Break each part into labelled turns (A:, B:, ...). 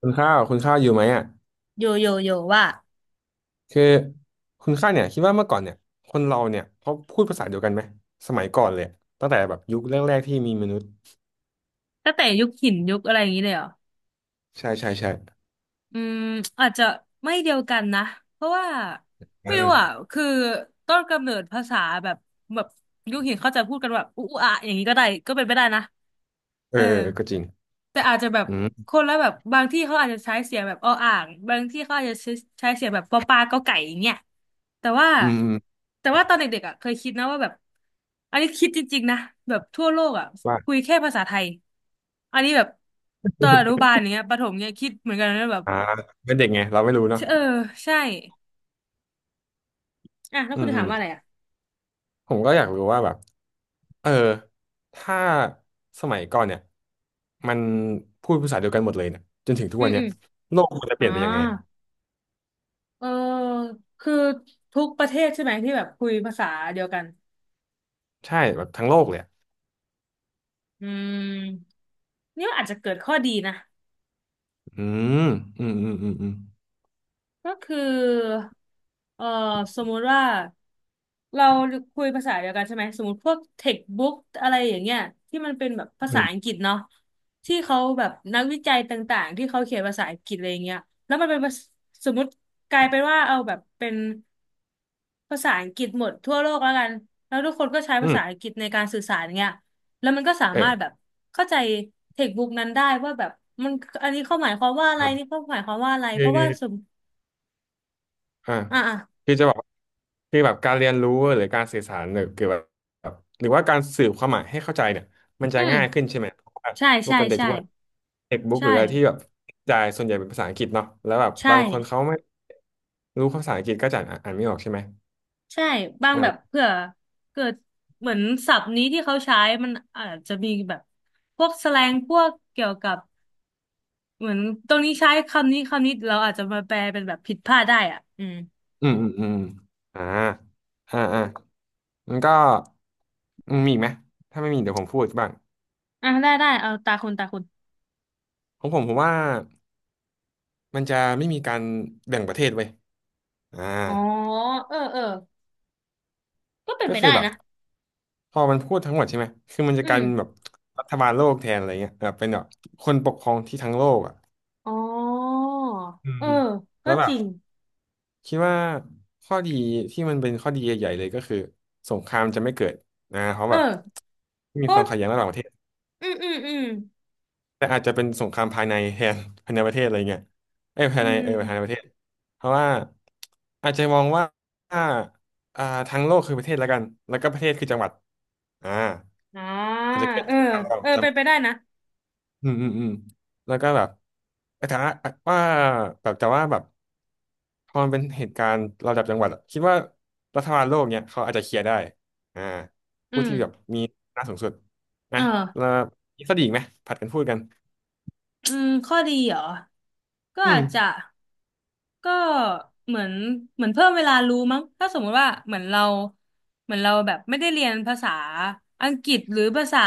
A: คุณข้าวอยู่ไหมอ่ะ
B: โยโยโยว่า
A: คือคุณข้าวเนี่ยคิดว่าเมื่อก่อนเนี่ยคนเราเนี่ยเขาพูดภาษาเดียวกันไหมสมัยก่อนเลยอะตั้งแต่แบบยุคแรกๆที่มีมนุษย์
B: ตั้งแต่ยุคหินยุคอะไรอย่างนี้เลยเหรอ
A: ใช่ใช่ใช่
B: อืมอาจจะไม่เดียวกันนะเพราะว่าไม่รู้อ่ะ
A: อ่า
B: คือต้นกำเนิดภาษาแบบแบบยุคหินเขาจะพูดกันแบบอุอะอย่างนี้ก็ได้ก็เป็นไปได้นะ
A: เอ
B: เอ
A: อ
B: อ
A: เออเออก็จริง
B: แต่อาจจะแบบ
A: อืม
B: คนละแบบบางที่เขาอาจจะใช้เสียงแบบออ่างบางที่เขาอาจจะใช้เสียงแบบปอปลาก็ไก่อย่างเงี้ยแต่ว่า
A: อืมอืม
B: แต่ว่าตอนเด็กๆอ่ะเคยคิดนะว่าแบบอันนี้คิดจริงๆนะแบบทั่วโลกอ่ะ
A: ว่า
B: คุยแค่ภาษาไทยอันนี้แบบตอนอนุบาลอย่างเงี้ยประถมเนี้ยคิดเหมือนกันนะแบบ
A: อ่าเป็นเด็กไงเราไม่รู้เนาะ
B: เออใช่อ่ะแล้ว
A: อื
B: คุณ
A: ม
B: จะ
A: อื
B: ถาม
A: ม
B: ว่าอะไรอ่ะ
A: ผมก็อยากรู้ว่าแบบเออถ้าสมัยก่อนเนี่ยมันพูดภาษาเดียวกันหมดเลยเนี่ยจนถึงทุก
B: อื
A: วั
B: ม
A: นเนี่
B: อื
A: ย
B: ม
A: โลกมันจะเป
B: อ๋อ
A: ลี่ยนไปยังไงอ่ะ
B: เออคือทุกประเทศใช่ไหมที่แบบคุยภาษาเดียวกัน
A: ใช่แบบทั้งโลกเลยอะ
B: อืมนี่ว่าอาจจะเกิดข้อดีนะ
A: อืมอืมอืมอืมอืม
B: ก็คือ เอ่อสมมุติว่าเราคุยภาษาเดียวกันใช่ไหม สมมติพวกเทคบุ๊กอะไรอย่างเงี้ยที่มันเป็นแบบภา
A: อื
B: ษา
A: ม
B: อังกฤษเนาะที่เขาแบบนักวิจัยต่างๆที่เขาเขียนภาษาอังกฤษอะไรอย่างเงี้ยแล้วมันเป็นภาษสมมติกลายเป็นว่าเอาแบบเป็นภาษาอังกฤษหมดทั่วโลกแล้วกันแล้วทุกคนก็ใช้
A: อื
B: ภาษาอั
A: ม
B: งกฤษในการสื่อสารเงี้ยแล้วมันก็สา
A: เอ
B: มา
A: อ
B: รถแบบเข้าใจเทคบุ๊กนั้นได้ว่าแบบมันอันนี้เขาหมายความว่าอะไรนี่
A: อ่ะ
B: เขาหมายความว่าอะไร
A: คื
B: เพ
A: อ
B: ราะว่าสม
A: อ่า
B: อ่าอ่ะ
A: คือจะบอกคือแบบการเรียนรู้หรือการสื่อสารหรือเกี่ยวกับแบบหรือว่าการสื่อความหมายให้เข้าใจเนี่ยมันจะ
B: อืม
A: ง่ายขึ้นใช่ไหมเพราะว่า
B: ใช่
A: พวก
B: ใช่
A: กันเด็ก
B: ใช่
A: ทุกวันเด็กบุ๊ก
B: ใช่
A: หรืออะไรที่แบบจ่ายส่วนใหญ่เป็นภาษาอังกฤษเนาะแล้วแบบ
B: ใช่
A: บางคนเขาไม่รู้ภาษาอังกฤษก็จะอ่านไม่ออกใช่ไหม
B: ใช่บาง
A: อ่
B: แบบ
A: า
B: เผื่อเกิดเหมือนศัพท์นี้ที่เขาใช้มันอาจจะมีแบบพวกแสแลงพวกเกี่ยวกับเหมือนตรงนี้ใช้คำนี้คำนี้เราอาจจะมาแปลเป็นแบบผิดพลาดได้อ่ะอืม
A: อืมอืมอืมอ่าอ่าอ่ามันก็มีอีกไหมถ้าไม่มีเดี๋ยวผมพูดบ้าง
B: อ่ะได้ได้เอาตาคุณตาคุณ
A: ของผมผมว่ามันจะไม่มีการแบ่งประเทศไว้ยอ่า
B: อ๋อเออเออก็เป็น
A: ก็
B: ไป
A: คื
B: ได้
A: อแบบ
B: นะ
A: พอมันพูดทั้งหมดใช่ไหม คือมันจะ
B: อื
A: กลาย
B: ม
A: เป็นแบบรัฐบาลโลกแทนอะไรเงี้ยแบบเป็นแบบคนปกครองที่ทั้งโลกอ่ะ
B: อ๋อ
A: อื
B: เออ
A: ม
B: ก็
A: แล้วแบ
B: จ
A: บ
B: ริง
A: คิดว่าข้อดีที่มันเป็นข้อดีใหญ่ๆเลยก็คือสงครามจะไม่เกิดนะเพราะ
B: เอ
A: แบบ
B: อ
A: ม่มี
B: ก็
A: ความขัดแย้งระหว่างประเทศ
B: อืมอืมอืม
A: แต่อาจจะเป็นสงครามภายในแทน ภายในประเทศอะไรเงี้ยเอ้ยภา
B: อื
A: ยใน
B: ม
A: ภายในประเทศเพราะว่าอาจจะมองว่าอ่าอ่าทั้งโลกคือประเทศแล้วกันแล้วก็ประเทศคือจังหวัดอ่า
B: อ่า
A: อาจจะเกิด
B: เออ
A: สงครามระห
B: เอ
A: ว่าง
B: อ
A: จัง
B: เป็
A: ห
B: น
A: วั
B: ไป
A: ด
B: ได้นะ
A: อืมอืมอืมแล้วก็แบบแต่ว่าว่าแบบแต่ว่าแบบพอมันเป็นเหตุการณ์ระดับจังหวัดอะคิดว่ารัฐบาลโลกเนี่ยเขาอาจจะเคลียร์ได้อ่า
B: อื
A: ผู้
B: ม
A: ที่แบบมีอำนาจสูงสุด
B: เอ
A: นะ
B: อ
A: แล้วมีข้อดีอีกไหมผัดกันพูดกัน
B: อืมข้อดีเหรอก็
A: อื
B: อา
A: ม
B: จจะ ก็เหมือนเพิ่มเวลารู้มั้งถ้าสมมุติว่าเหมือนเราเหมือนเราแบบไม่ได้เรียนภาษาอังกฤษหรือภาษา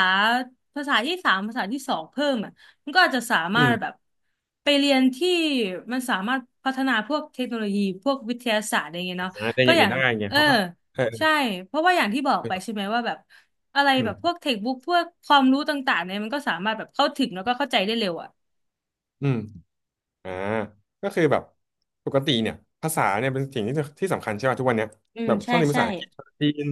B: ที่สามภาษาที่สองเพิ่มอ่ะมันก็อาจจะสามา
A: อื
B: ร
A: ม
B: ถแบบไปเรียนที่มันสามารถพัฒนาพวกเทคโนโลยีพวกวิทยาศาสตร์อะไรเงี้ยเนาะ
A: อ่าเป็นอ
B: ก็
A: ย่าง
B: อ
A: อื่
B: ย่า
A: น
B: ง
A: ได้ไง
B: เออ
A: เพราะว่าเออ
B: ใช่เพราะว่าอย่างที่บอกไป
A: เออ
B: ใช่ไหมว่าแบบอะไร
A: อื
B: แบ
A: ม
B: บพวกเทคบุ๊กพวกความรู้ต่างๆเนี่ยมันก็สามารถแบบเข้าถึงแล้วก็เข้าใจได้เร็วอ่ะ
A: อืม อ่าก็คือแบบปกติเนี่ยภาษาเนี่ยเป็นสิ่งที่ที่สำคัญใช่ป่ะทุกวันเนี้ย
B: อื
A: แบ
B: ม
A: บ
B: ใช่
A: ต้องเรียนภา
B: ใช่
A: ษาอังกฤษภาษาจีน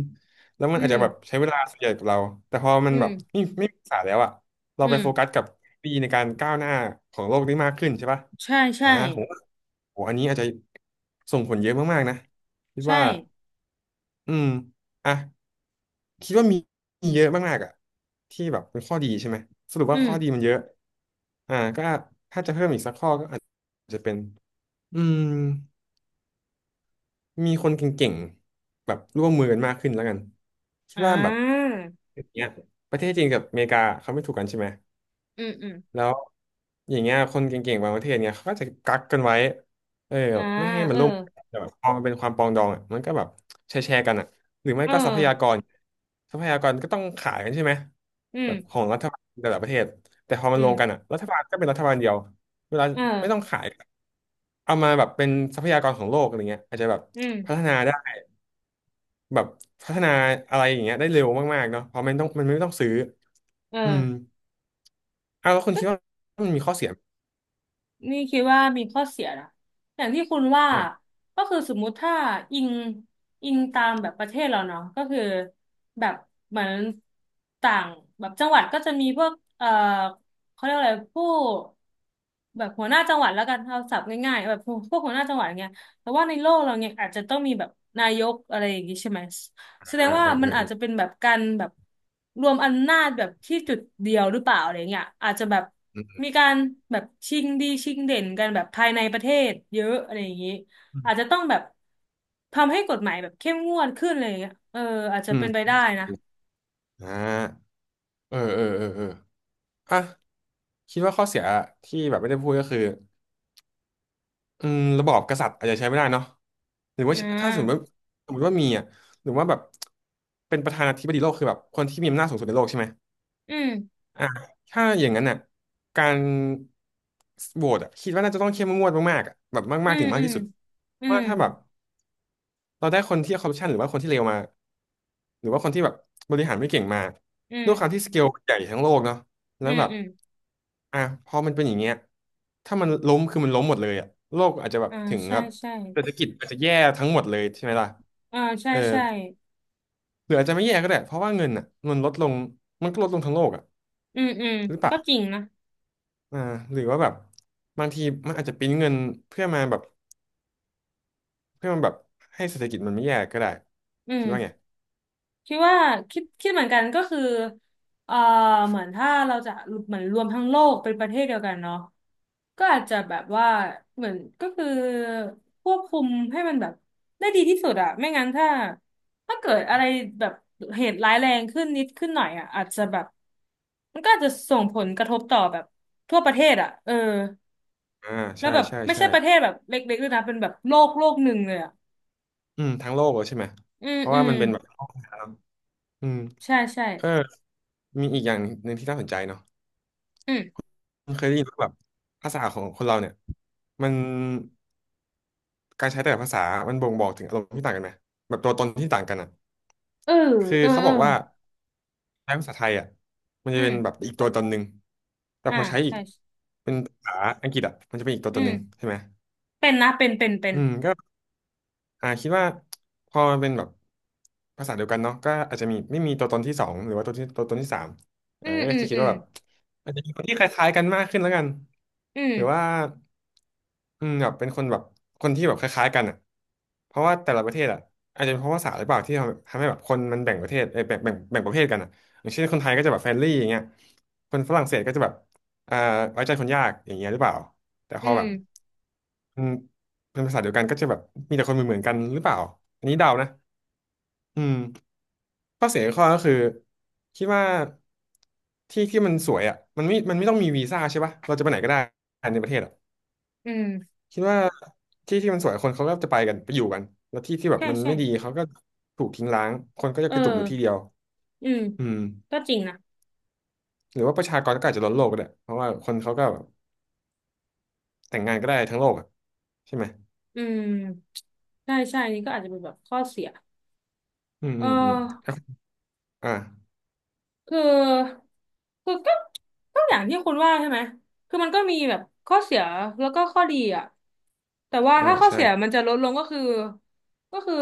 A: แล้วมัน
B: อื
A: อาจ
B: ม
A: จะแบบใช้เวลาส่วนใหญ่กับเราแต่พอมั
B: อื
A: นแบ
B: ม
A: บไม่มีภาษาแล้วอ่ะเรา
B: อื
A: ไปโฟกั
B: ม
A: สกับปีในการก้าวหน้าของโลกนี้มากขึ้นใช่ป่ะ
B: ใช่ใช่
A: อ่าผมว่าโหอันนี้อาจจะส่งผลเยอะมากๆนะคิด
B: ใช่
A: ว่าอืมอ่ะคิดว่ามีเยอะมากๆอ่ะที่แบบเป็นข้อดีใช่ไหมสรุป
B: อื
A: ว่า
B: ม
A: ข้อดีมันเยอะอ่าก็ถ้าจะเพิ่มอีกสักข้อก็อาจจะเป็น อืมมีคนเก่งๆแบบร่วมมือกันมากขึ้นแล้วกันคิด
B: อ่
A: ว่าแบบ
B: า
A: อย่างเนี้ยประเทศจีนกับอเมริกาเขาไม่ถูกกันใช่ไหม
B: อืมอืม
A: แล้วอย่างเงี้ยคนเก่งๆบางประเทศเนี่ยเขาก็จะกักกันไว้เออแบ
B: อ่า
A: บไม่ให้มั
B: เอ
A: น
B: อ
A: ล่มแต่แบบพอมันเป็นความปรองดองอ่ะมันก็แบบแชร์กันอ่ะหรือไม่
B: เอ
A: ก็ทรัพยาก
B: อ
A: รทรัพยากรก็ต้องขายกันใช่ไหม
B: อื
A: แบ
B: ม
A: บของรัฐบาลแต่ละประเทศแต่พอมั
B: อื
A: นรวมกัน
B: ม
A: อ่ะรัฐบาลก็เป็นรัฐบาลเดียวเวลา
B: เอ
A: ไม่ต้อง
B: อ
A: ขายเอามาแบบเป็นทรัพยากรของโลกอะไรเงี้ยอาจจะแบบ
B: อืม
A: พัฒนาได้แบบพัฒนาอะไรอย่างเงี้ยได้เร็วมากๆเนาะเพราะมันไม่ต้องซื้อ
B: เอ
A: อืม
B: อ
A: อ้าวแล้วคุณคิดว่ามันมีข้อเสีย
B: นี่คิดว่ามีข้อเสียนะอย่างที่คุณว่า
A: ไหม
B: ก็คือสมมุติถ้าอิงตามแบบประเทศเราเนาะก็คือแบบเหมือนต่างแบบจังหวัดก็จะมีพวกเขาเรียกอะไรผู้แบบหัวหน้าจังหวัดแล้วกันเอาศัพท์ง่ายๆแบบพวกหัวหน้าจังหวัดอย่างเงี้ยแต่ว่าในโลกเราเนี่ยอาจจะต้องมีแบบนายกอะไรอย่างงี้ใช่ไหม
A: อ่า
B: แสดงว่า
A: เออเอ
B: มัน
A: อ
B: อา
A: เอ
B: จ
A: อ
B: จะเป็นแบบการแบบรวมอำนาจแบบที่จุดเดียวหรือเปล่าอะไรเงี้ยอาจจะแบบ
A: อืม
B: มีการแบบชิงดีชิงเด่นกันแบบภายในประเทศเยอะอะไรอย่างนี้อาจจะต้องแบบทำให้กฎหมายแบบเข้มงวดขึ้นอะไรเงี้ยเอออาจจะ
A: อื
B: เป็
A: ม
B: นไปได้นะ
A: อ่าเออเออเออเอออ่ะคิดว่าข้อเสียที่แบบไม่ได้พูดก็คืออืมระบอบกษัตริย์อาจจะใช้ไม่ได้เนาะหรือว่า
B: อ่
A: ถ้าสมมติว่า
B: า
A: มีอ่ะหรือว่าแบบเป็นประธานาธิบดีโลกคือแบบคนที่มีอำนาจสูงสุดในโลกใช่ไหม
B: อืม
A: อ่ะถ้าอย่างนั้นอ่ะการโหวตอ่ะคิดว่าน่าจะต้องเข้มงวดมากๆอ่ะแบบ
B: อื
A: มากๆ
B: ม
A: ถึงมา
B: อื
A: ก
B: ม
A: ที่สุด
B: อื
A: ว่า
B: ม
A: ถ้าแบบ เราได้คนที่คอร์รัปชันหรือว่าคนที่เลวมาหรือว่าคนที่แบบบริหารไม่เก่งมา
B: อืม
A: ด้วยความที่สเกลใหญ่ทั้งโลกเนาะแล้
B: อื
A: ว
B: ม
A: แบบ
B: อืม
A: อ่ะพอมันเป็นอย่างเงี้ยถ้ามันล้มคือมันล้มหมดเลยอะโลกอาจจะแบบ
B: อ่า
A: ถึง
B: ใช่
A: แบบ
B: ใช่
A: เศรษฐกิจอาจจะแย่ทั้งหมดเลยใช่ไหมล่ะ
B: อ่าใช่
A: เออ
B: ใช่
A: หรืออาจจะไม่แย่ก็ได้เพราะว่าเงินอ่ะมันลดลงมันก็ลดลงทั้งโลกอ่ะ
B: อืมอืม
A: หรือเปล่า
B: ก็จริงนะ
A: อ่าหรือว่าแบบบางทีมันอาจจะปริ้นเงินเพื่อมาแบบเพื่อมาแบบให้เศรษฐกิจมันไม่แย่ก็ได้
B: อื
A: คิดว่าไง
B: ม คิดว่าคิดเหมือนกันก็คือเอ่อเหมือนถ้าเราจะเหมือนรวมทั้งโลกเป็นประเทศเดียวกันเนาะก็อาจจะแบบว่าเหมือนก็คือควบคุมให้มันแบบได้ดีที่สุดอะไม่งั้นถ้าเกิดอะไรแบบเหตุร้ายแรงขึ้นนิดขึ้นหน่อยอะอาจจะแบบมันก็อาจจะส่งผลกระทบต่อแบบทั่วประเทศอะเออ
A: อ่า
B: แล้ว
A: ใช่
B: แบบ
A: ใช่
B: ไม่
A: ใช่
B: ใช่ประเทศแบบเล็กๆด้วยนะเป็นแบบโลกโลกหนึ่งเลยอะ
A: อืมทั้งโลกเลยใช่ไหม
B: อืม
A: เพราะ
B: อื
A: ว่า
B: ม
A: มันเป็นแบบโลกแท้เองน้ำอืม
B: ใช่ใช่
A: เออมีอีกอย่างหนึ่งที่น่าสนใจเนาะ
B: อืม
A: มันเคยได้ยินว่าแบบภาษาของคนเราเนี่ยมันการใช้แต่ละภาษามันบ่งบอกถึงอารมณ์ที่ต่างกันไหมแบบตัวตนที่ต่างกันอ่ะ
B: เออ
A: คือ
B: เออ
A: เขา
B: เอ
A: บ
B: อ
A: อกว่าใช้ภาษาไทยอ่ะมัน
B: อื
A: จะ
B: ม
A: เป็นแบบอีกตัวตนหนึ่งแต่
B: อ่า
A: พอใช้อี
B: ใช่
A: กเป็นภาษาอังกฤษอ่ะมันจะเป็นอีกตัว
B: อื
A: ตนหนึ่ง
B: ม
A: ใช่ไหม
B: เป็นนะเป็นเป็นเป็น
A: อืมก็ อ่าคิดว่าพอมันเป็นแบบภาษาเดียวกันเนาะก็อาจจะมีไม่มีตัวตนที่สองหรือว่าตัวที่ตัวตนที่สาม
B: อื
A: อ่า
B: ม
A: ก็
B: อืม
A: จะคิ
B: อื
A: ด
B: ม
A: ว่าแบบอาจจะมีคนที่คล้ายๆกันมากขึ้นแล้วกัน
B: อื
A: หรือว่า
B: ม
A: อืมแบบเป็นคนแบบคนที่แบบคล้ายๆกันอ่ะเพราะว่าแต่ละประเทศอ่ะอาจจะเป็นเพราะภาษาหรือเปล่าที่ทำให้แบบคนมันแบ่งประเทศเอยแบ่งประเภทกันอ่ะอย่างเช่นคนไทยก็จะแบบเฟรนลี่อย่างเงี้ยคนฝรั่งเศสก็จะแบบอ่าไว้ใจคนยากอย่างเงี้ยหรือเปล่าแต่พ
B: อื
A: อ
B: ม
A: แบบอืม เป็นภาษาเดียวกันก็จะแบบมีแต่คนเหมือนกันหรือเปล่าอันนี้เดานะอืมข้อเสียข้อก็คือคิดว่าที่ที่มันสวยอ่ะมันไม่ต้องมีวีซ่าใช่ปะเราจะไปไหนก็ได้ในประเทศอ่ะ
B: อืม
A: คิดว่าที่ที่มันสวยคนเขาก็จะไปกันไปอยู่กันแล้วที่ที่แบบ
B: ใช่
A: มัน
B: ใช่
A: ไม่ดีเขาก็ถูกทิ้งร้างคนก็จะ
B: เออ
A: กระจุกอยู่ที่เดียว
B: อืม
A: อืม
B: ก็จริงนะ
A: หรือว่าประชากรก็อาจจะล้นโลกก็ได้เพราะว่าคนเขาก็แบบแต่งงานก็ได้ทั้งโลกอ่ะใช่ไหม
B: อืมใช่ใช่นี่ก็อาจจะเป็นแบบข้อเสีย
A: อืม
B: เออ
A: อืมอืมอ่
B: คือคือก็ก็อย่างที่คุณว่าใช่ไหมคือมันก็มีแบบข้อเสียแล้วก็ข้อดีอ่ะแต่ว่า
A: อ่า
B: ถ้าข้อเสียมั
A: ใช่
B: นจะลดลงก็คือก็คือ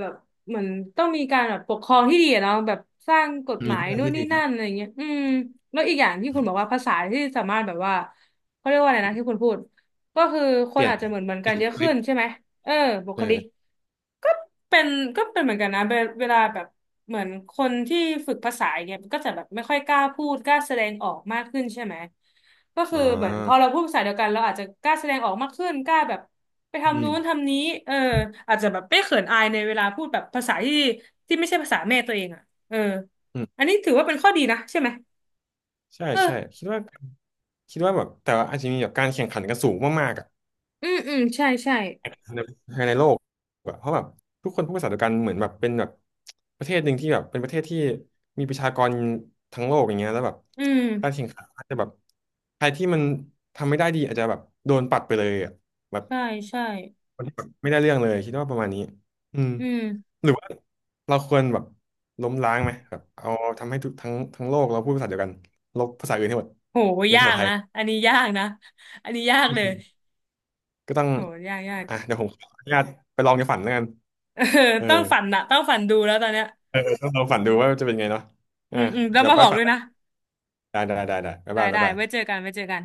B: แบบเหมือนต้องมีการแบบปกครองที่ดีอะเนาะแบบสร้างกฎห
A: มี
B: มา
A: พ
B: ย
A: ลัง
B: นู่น
A: ที่
B: นี่
A: ดีครั
B: นั่
A: บ
B: นอะไรเงี้ยอืมแล้วอีกอย่างที่คุณบอกว่าภาษาที่สามารถแบบว่าเขาเรียกว่าอะไรนะที่คุณพูด ก็คือค
A: เป
B: น
A: ลี่ยน
B: อาจจะเหมือน
A: เป
B: กั
A: ลี่
B: น
A: ยน
B: เย
A: บุ
B: อะ
A: ค
B: ขึ้
A: ลิก
B: นใช่ไหมเออบุคลิก
A: เออ
B: ก็เป็นก็เป็นเหมือนกันนะเวเวลาแบบเหมือนคนที่ฝึกภาษาอย่างเนี่ยมันก็จะแบบไม่ค่อยกล้าพูดกล้าแสดงออกมากขึ้นใช่ไหมก็คื
A: อ่
B: อเหมือนพอเรา
A: า
B: พูดภาษาเดียวกันเราอาจจะกล้าแสดงออกมากขึ้นกล้าแบบไป
A: อื
B: ทำ
A: ม
B: นู้นทำนี้เอออาจจะแบบไม่เขินอายในเวลาพูดแบบภาษาที่ไม่ใช่ภาษาแม่ตัวเองอ่ะเออ
A: อืม
B: อันนี้ถือว่าเป็นข้อดีนะใช่ไหม
A: ใช่
B: เอ
A: ใช่
B: อ
A: คิดว่าแบบแต่ว่าอาจจะมีแบบการแข่งขันกันสูงมากๆอ่ะ
B: อืมอืมใช่ใช่
A: ในภายในโลกแบบเพราะแบบทุกคนพูดภาษาเดียวกันเหมือนแบบเป็นแบบประเทศหนึ่งที่แบบเป็นประเทศที่มีประชากรทั้งโลกอย่างเงี้ยแล้วแบบ
B: อืม
A: การแข่งขันอาจจะแบบใครที่มันทำไม่ได้ดีอาจจะแบบโดนปัดไปเลยอ่ะแบบ
B: ใช่ใช่
A: คนที่แบบไม่ได้เรื่องเลยคิดว่าประมาณนี้อืม
B: อืม
A: หรือว่าเราควรแบบล้มล้างไหมแบบเอาทำให้ทุกทั้งโลกเราพูดภาษาเดียวกันลบภาษาอื่นให้หมด
B: โห
A: เป็น
B: ยา
A: ภาษา
B: ก
A: ไทย
B: นะ อันนี้ยากนะ อันนี้ยากเลย
A: ก็ต้อง
B: โหยากยาก
A: อ่ะเดี๋ยวผมขออนุญาตไปลองในฝันแล้วกัน
B: เออ
A: เออ
B: ต้องฝันนะต้องฝันดูแล้วตอนเนี้ย
A: เออเออต้องลองฝันดูว่าจะเป็นไงเนาะ
B: อื
A: อ่า
B: มอืมแล้ว
A: เดี๋ยว
B: มา
A: ไป
B: บอก
A: ฝั
B: ด้วยนะ
A: นได้บ๊าย
B: ได้
A: บายบ๊า
B: ได้
A: ยบา
B: ไว้เจ
A: ย
B: อกันไว้เจอกัน